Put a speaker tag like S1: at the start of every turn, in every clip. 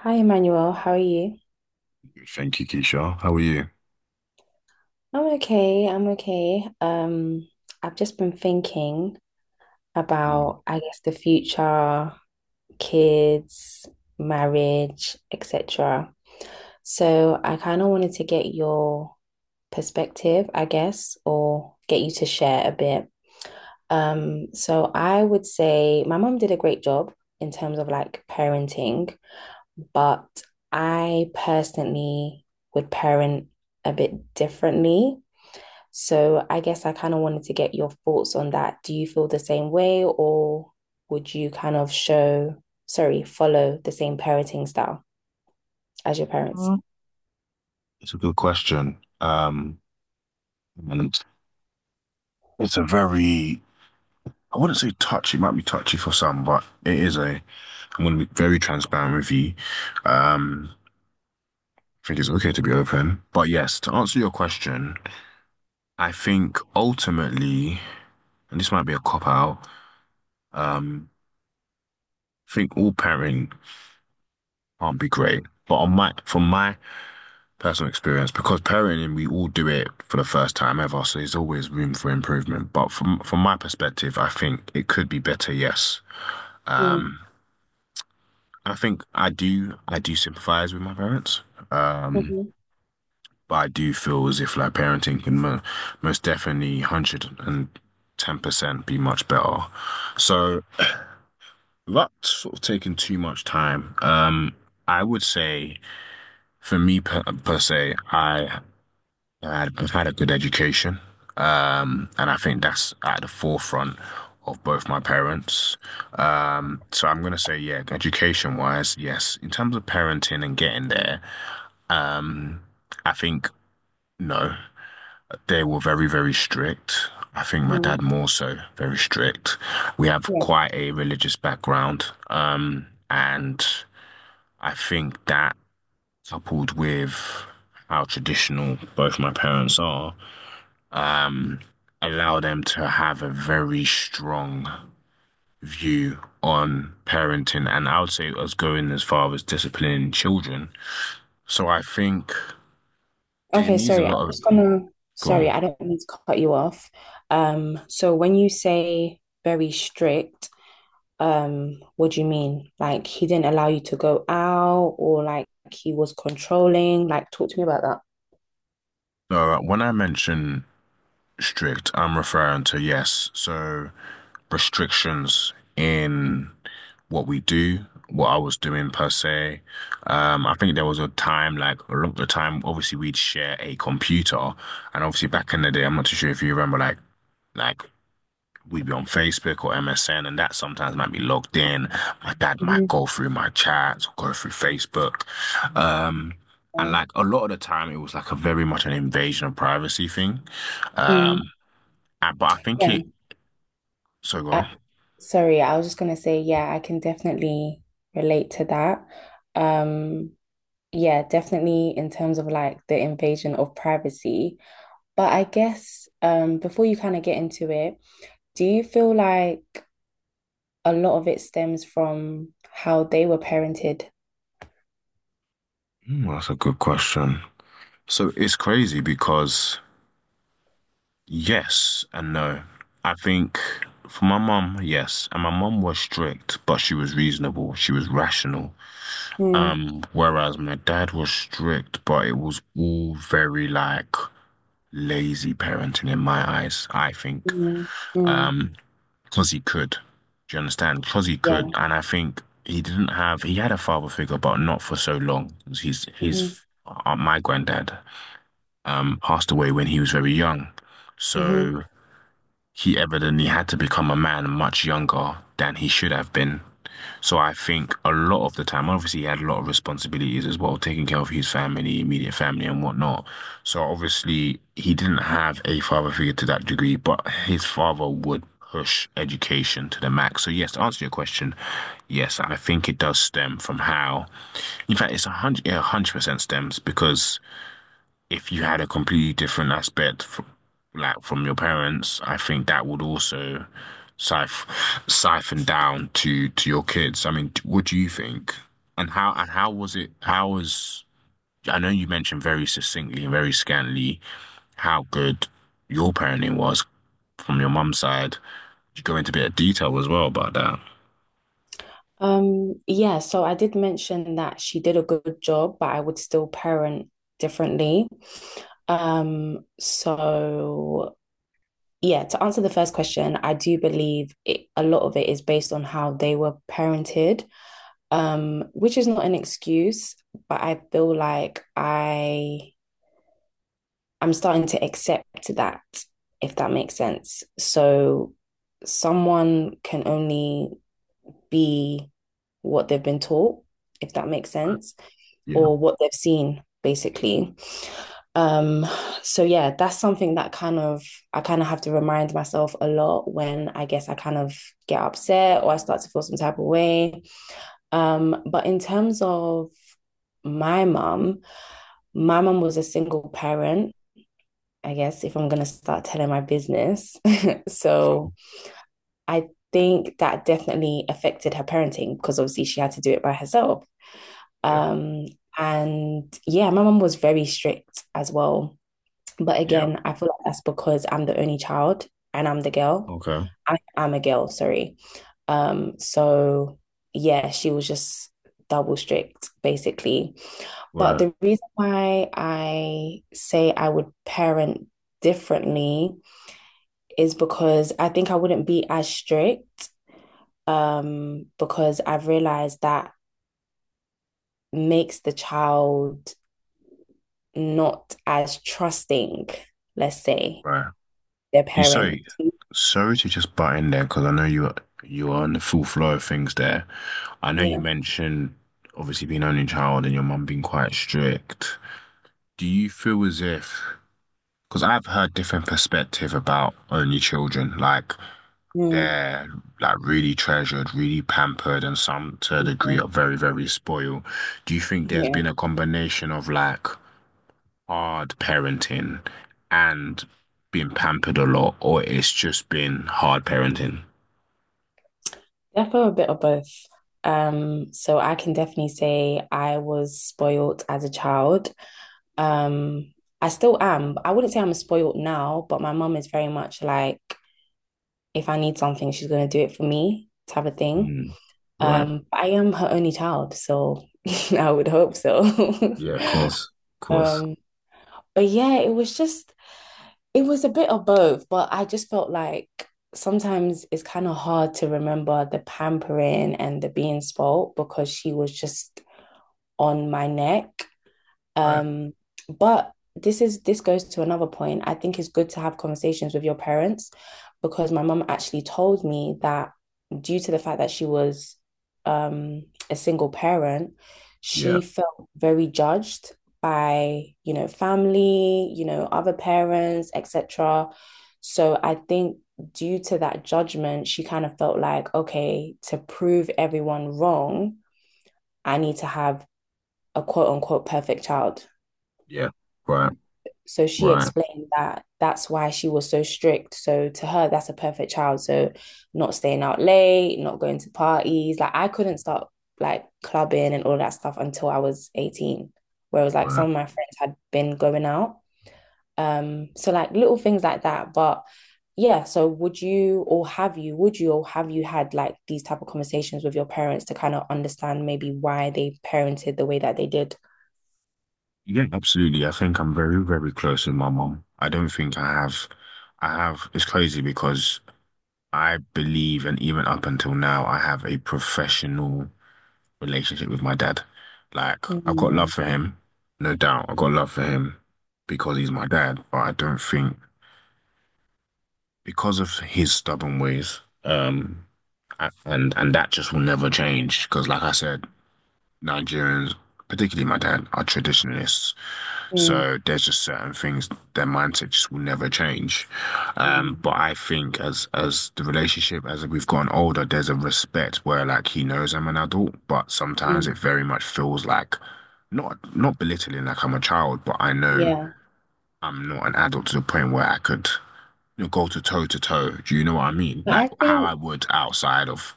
S1: Hi, Emmanuel. How are you?
S2: Thank you, Keisha. How are you?
S1: I'm okay. I've just been thinking
S2: Mm.
S1: about, I guess, the future, kids, marriage, etc. So I kind of wanted to get your perspective, I guess, or get you to share a bit. So I would say my mom did a great job in terms of like parenting, but I personally would parent a bit differently. So I guess I kind of wanted to get your thoughts on that. Do you feel the same way, or would you follow the same parenting style as your parents?
S2: Mm. It's a good question. And it's a very — I wouldn't say touchy, it might be touchy for some, but it is a — I'm going to be very transparent with you. Um, I think it's okay to be open. But yes, to answer your question, I think ultimately, and this might be a cop out, um, I think all parenting can't be great. But from my personal experience, because parenting, we all do it for the first time ever, so there's always room for improvement, but from my perspective, I think it could be better, yes.
S1: Mm,
S2: um I think I do sympathize with my parents, um
S1: mhm,
S2: but I do feel as if like parenting can mo most definitely 110% be much better. So without sort of taking too much time, I would say, for me per se, I've had a good education, and I think that's at the forefront of both my parents. So I'm gonna say, yeah, education wise, yes. In terms of parenting and getting there, um, I think no, they were very, very strict. I think my dad
S1: mm,
S2: more so very strict. We have
S1: yeah.
S2: quite a religious background, and I think that coupled with how traditional both my parents are um, allow them to have a very strong view on parenting, and I would say us going as far as disciplining children. So I think it
S1: Okay,
S2: needs a
S1: sorry.
S2: lot of. Go on.
S1: I don't mean to cut you off. So when you say very strict, what do you mean? Like he didn't allow you to go out, or like he was controlling? Like talk to me about that.
S2: No, when I mention strict, I'm referring to, yes, so restrictions in what we do, what I was doing per se. I think there was a time, like a lot of the time, obviously we'd share a computer, and obviously back in the day, I'm not too sure if you remember, like Like we'd be on Facebook or MSN, and that sometimes might be logged in. My dad might
S1: Mm-hmm.
S2: go through my chats or go through Facebook. Um, and like a lot of the time, it was like a very much an invasion of privacy thing.
S1: Mm,
S2: Um, and, but I think
S1: yeah.
S2: it, so go on.
S1: Uh, Sorry, I was just gonna say, yeah, I can definitely relate to that. Um, yeah, definitely in terms of like the invasion of privacy. But I guess before you kind of get into it, do you feel like a lot of it stems from how they were parented?
S2: Hmm, that's a good question. So it's crazy because yes and no. I think for my mum, yes. And my mum was strict, but she was reasonable. She was rational.
S1: Mm,
S2: Whereas my dad was strict, but it was all very like lazy parenting in my eyes, I think.
S1: mm, mm.
S2: Um, because he could. Do you understand? Because he could.
S1: Yeah.
S2: And I think he didn't have, he had a father figure, but not for so long. He's,
S1: Mm-hmm.
S2: he's, my granddad, passed away when he was very young. So he evidently had to become a man much younger than he should have been. So I think a lot of the time, obviously, he had a lot of responsibilities as well, taking care of his family, immediate family, and whatnot. So obviously, he didn't have a father figure to that degree, but his father would push education to the max. So yes, to answer your question, yes, I think it does stem from how. In fact, it's yeah, 100% stems, because if you had a completely different aspect from, like from your parents, I think that would also siph siphon down to your kids. I mean, what do you think? And how was it? How was I know you mentioned very succinctly and very scantily how good your parenting was from your mum's side. You go into a bit of detail as well about that.
S1: Yeah, so I did mention that she did a good job, but I would still parent differently. So yeah, to answer the first question, I do believe it, a lot of it is based on how they were parented, which is not an excuse, but I feel like I'm starting to accept that, if that makes sense. So someone can only be what they've been taught, if that makes sense,
S2: Yeah,
S1: or what they've seen, basically. Um, so yeah, that's something that I kind of have to remind myself a lot when I guess I kind of get upset or I start to feel some type of way. But in terms of my mum, my mum was a single parent, I guess, if I'm gonna start telling my business.
S2: sure.
S1: So I think that definitely affected her parenting because obviously she had to do it by herself.
S2: Yeah.
S1: Um, and yeah, my mum was very strict as well. But
S2: Yeah.
S1: again, I feel like that's because I'm the only child and I'm the girl.
S2: Okay.
S1: I'm a girl, sorry. So yeah, she was just double strict basically. But
S2: Right.
S1: the reason why I say I would parent differently is because I think I wouldn't be as strict, because I've realized that makes the child not as trusting, let's say,
S2: Right.
S1: their
S2: You, sorry,
S1: parents.
S2: sorry to just butt in there, because I know you are on the full flow of things there. I know you
S1: Yeah.
S2: mentioned obviously being only child and your mum being quite strict. Do you feel as if, because I've heard different perspective about only children, like
S1: Mm,
S2: they're like really treasured, really pampered, and some to a degree
S1: mm,
S2: are very, very spoiled. Do you think there's
S1: yeah.
S2: been a combination of like hard parenting and being pampered a lot, or it's just been hard parenting?
S1: Definitely a bit of both. So I can definitely say I was spoiled as a child. Um, I still am. I wouldn't say I'm spoiled now, but my mum is very much like, if I need something, she's gonna do it for me type of thing.
S2: Mm, right.
S1: I am her only child, so I would hope so.
S2: Yeah, of course. Of course.
S1: Um, but yeah, it was a bit of both, but I just felt like sometimes it's kind of hard to remember the pampering and the being spoilt because she was just on my neck,
S2: Right.
S1: um, but this goes to another point. I think it's good to have conversations with your parents because my mum actually told me that due to the fact that she was, a single parent,
S2: Yeah.
S1: she felt very judged by, you know, family, you know, other parents, etc. So I think due to that judgment, she kind of felt like, okay, to prove everyone wrong, I need to have a quote unquote perfect child.
S2: Yeah. Right.
S1: So she
S2: Right.
S1: explained that that's why she was so strict. So to her, that's a perfect child. So not staying out late, not going to parties. Like I couldn't start like clubbing and all that stuff until I was 18. Whereas like
S2: Right.
S1: some of my friends had been going out. So like little things like that. But yeah, so would you or have you had like these type of conversations with your parents to kind of understand maybe why they parented the way that they did?
S2: Yeah, absolutely. I think I'm very, very close with my mom. I don't think it's crazy because I believe, and even up until now, I have a professional relationship with my dad. Like, I've got love
S1: Mm,
S2: for him, no doubt. I've got love for him because he's my dad, but I don't think, because of his stubborn ways, and that just will never change. Because, like I said, Nigerians, particularly my dad, are traditionalists.
S1: mm,
S2: So there's just certain things their mindset just will never change.
S1: mm,
S2: But I think as the relationship as we've gotten older, there's a respect where like he knows I'm an adult, but
S1: mm,
S2: sometimes it very much feels like not belittling, like I'm a child, but I know
S1: yeah.
S2: I'm not an adult to the point where I could, you know, go to toe to toe. Do you know what I mean?
S1: But
S2: Like
S1: I
S2: how I
S1: think,
S2: would outside of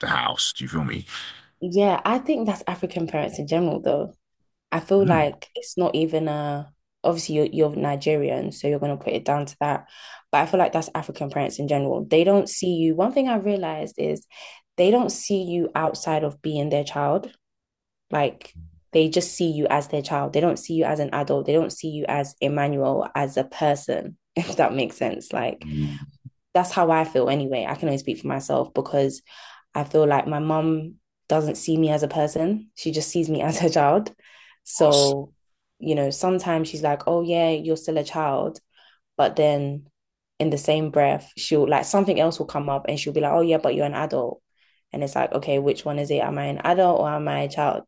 S2: the house. Do you feel me?
S1: yeah, I think that's African parents in general, though. I feel
S2: Hmm.
S1: like it's not even a obviously you're Nigerian, so you're gonna put it down to that. But I feel like that's African parents in general. They don't see you. One thing I realized is they don't see you outside of being their child. Like they just see you as their child. They don't see you as an adult. They don't see you as Emmanuel, as a person, if that makes sense. Like
S2: Mm,
S1: that's how I feel anyway. I can only speak for myself because I feel like my mum doesn't see me as a person. She just sees me as her child.
S2: boss.
S1: So, you know, sometimes she's like, oh, yeah, you're still a child. But then in the same breath, she'll like something else will come up and she'll be like, oh, yeah, but you're an adult. And it's like, okay, which one is it? Am I an adult or am I a child?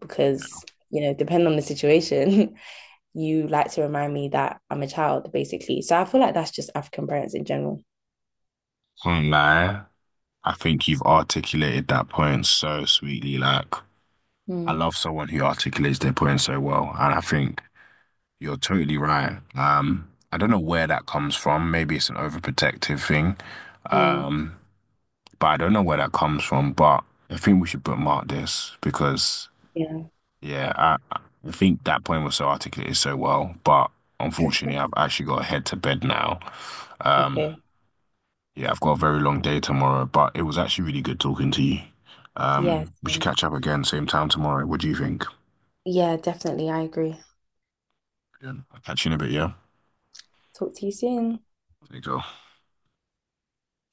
S1: Because, you know, depending on the situation, you like to remind me that I'm a child, basically. So I feel like that's just African parents in general.
S2: Can't lie. I think you've articulated that point so sweetly. Like, I
S1: Mm.
S2: love someone who articulates their point so well. And I think you're totally right. I don't know where that comes from. Maybe it's an overprotective thing.
S1: Mm.
S2: Um, but I don't know where that comes from. But I think we should bookmark this because,
S1: Yeah.
S2: yeah, I think that point was so articulated so well. But unfortunately, I've actually got to head to bed now. Um,
S1: Okay.
S2: Yeah, I've got a very long day tomorrow, but it was actually really good talking to you.
S1: Yeah,
S2: We should
S1: same.
S2: catch up again, same time tomorrow. What do you think?
S1: Yeah, definitely. I agree.
S2: Yeah. Catch you in a bit, yeah?
S1: Talk to you soon.
S2: There you go.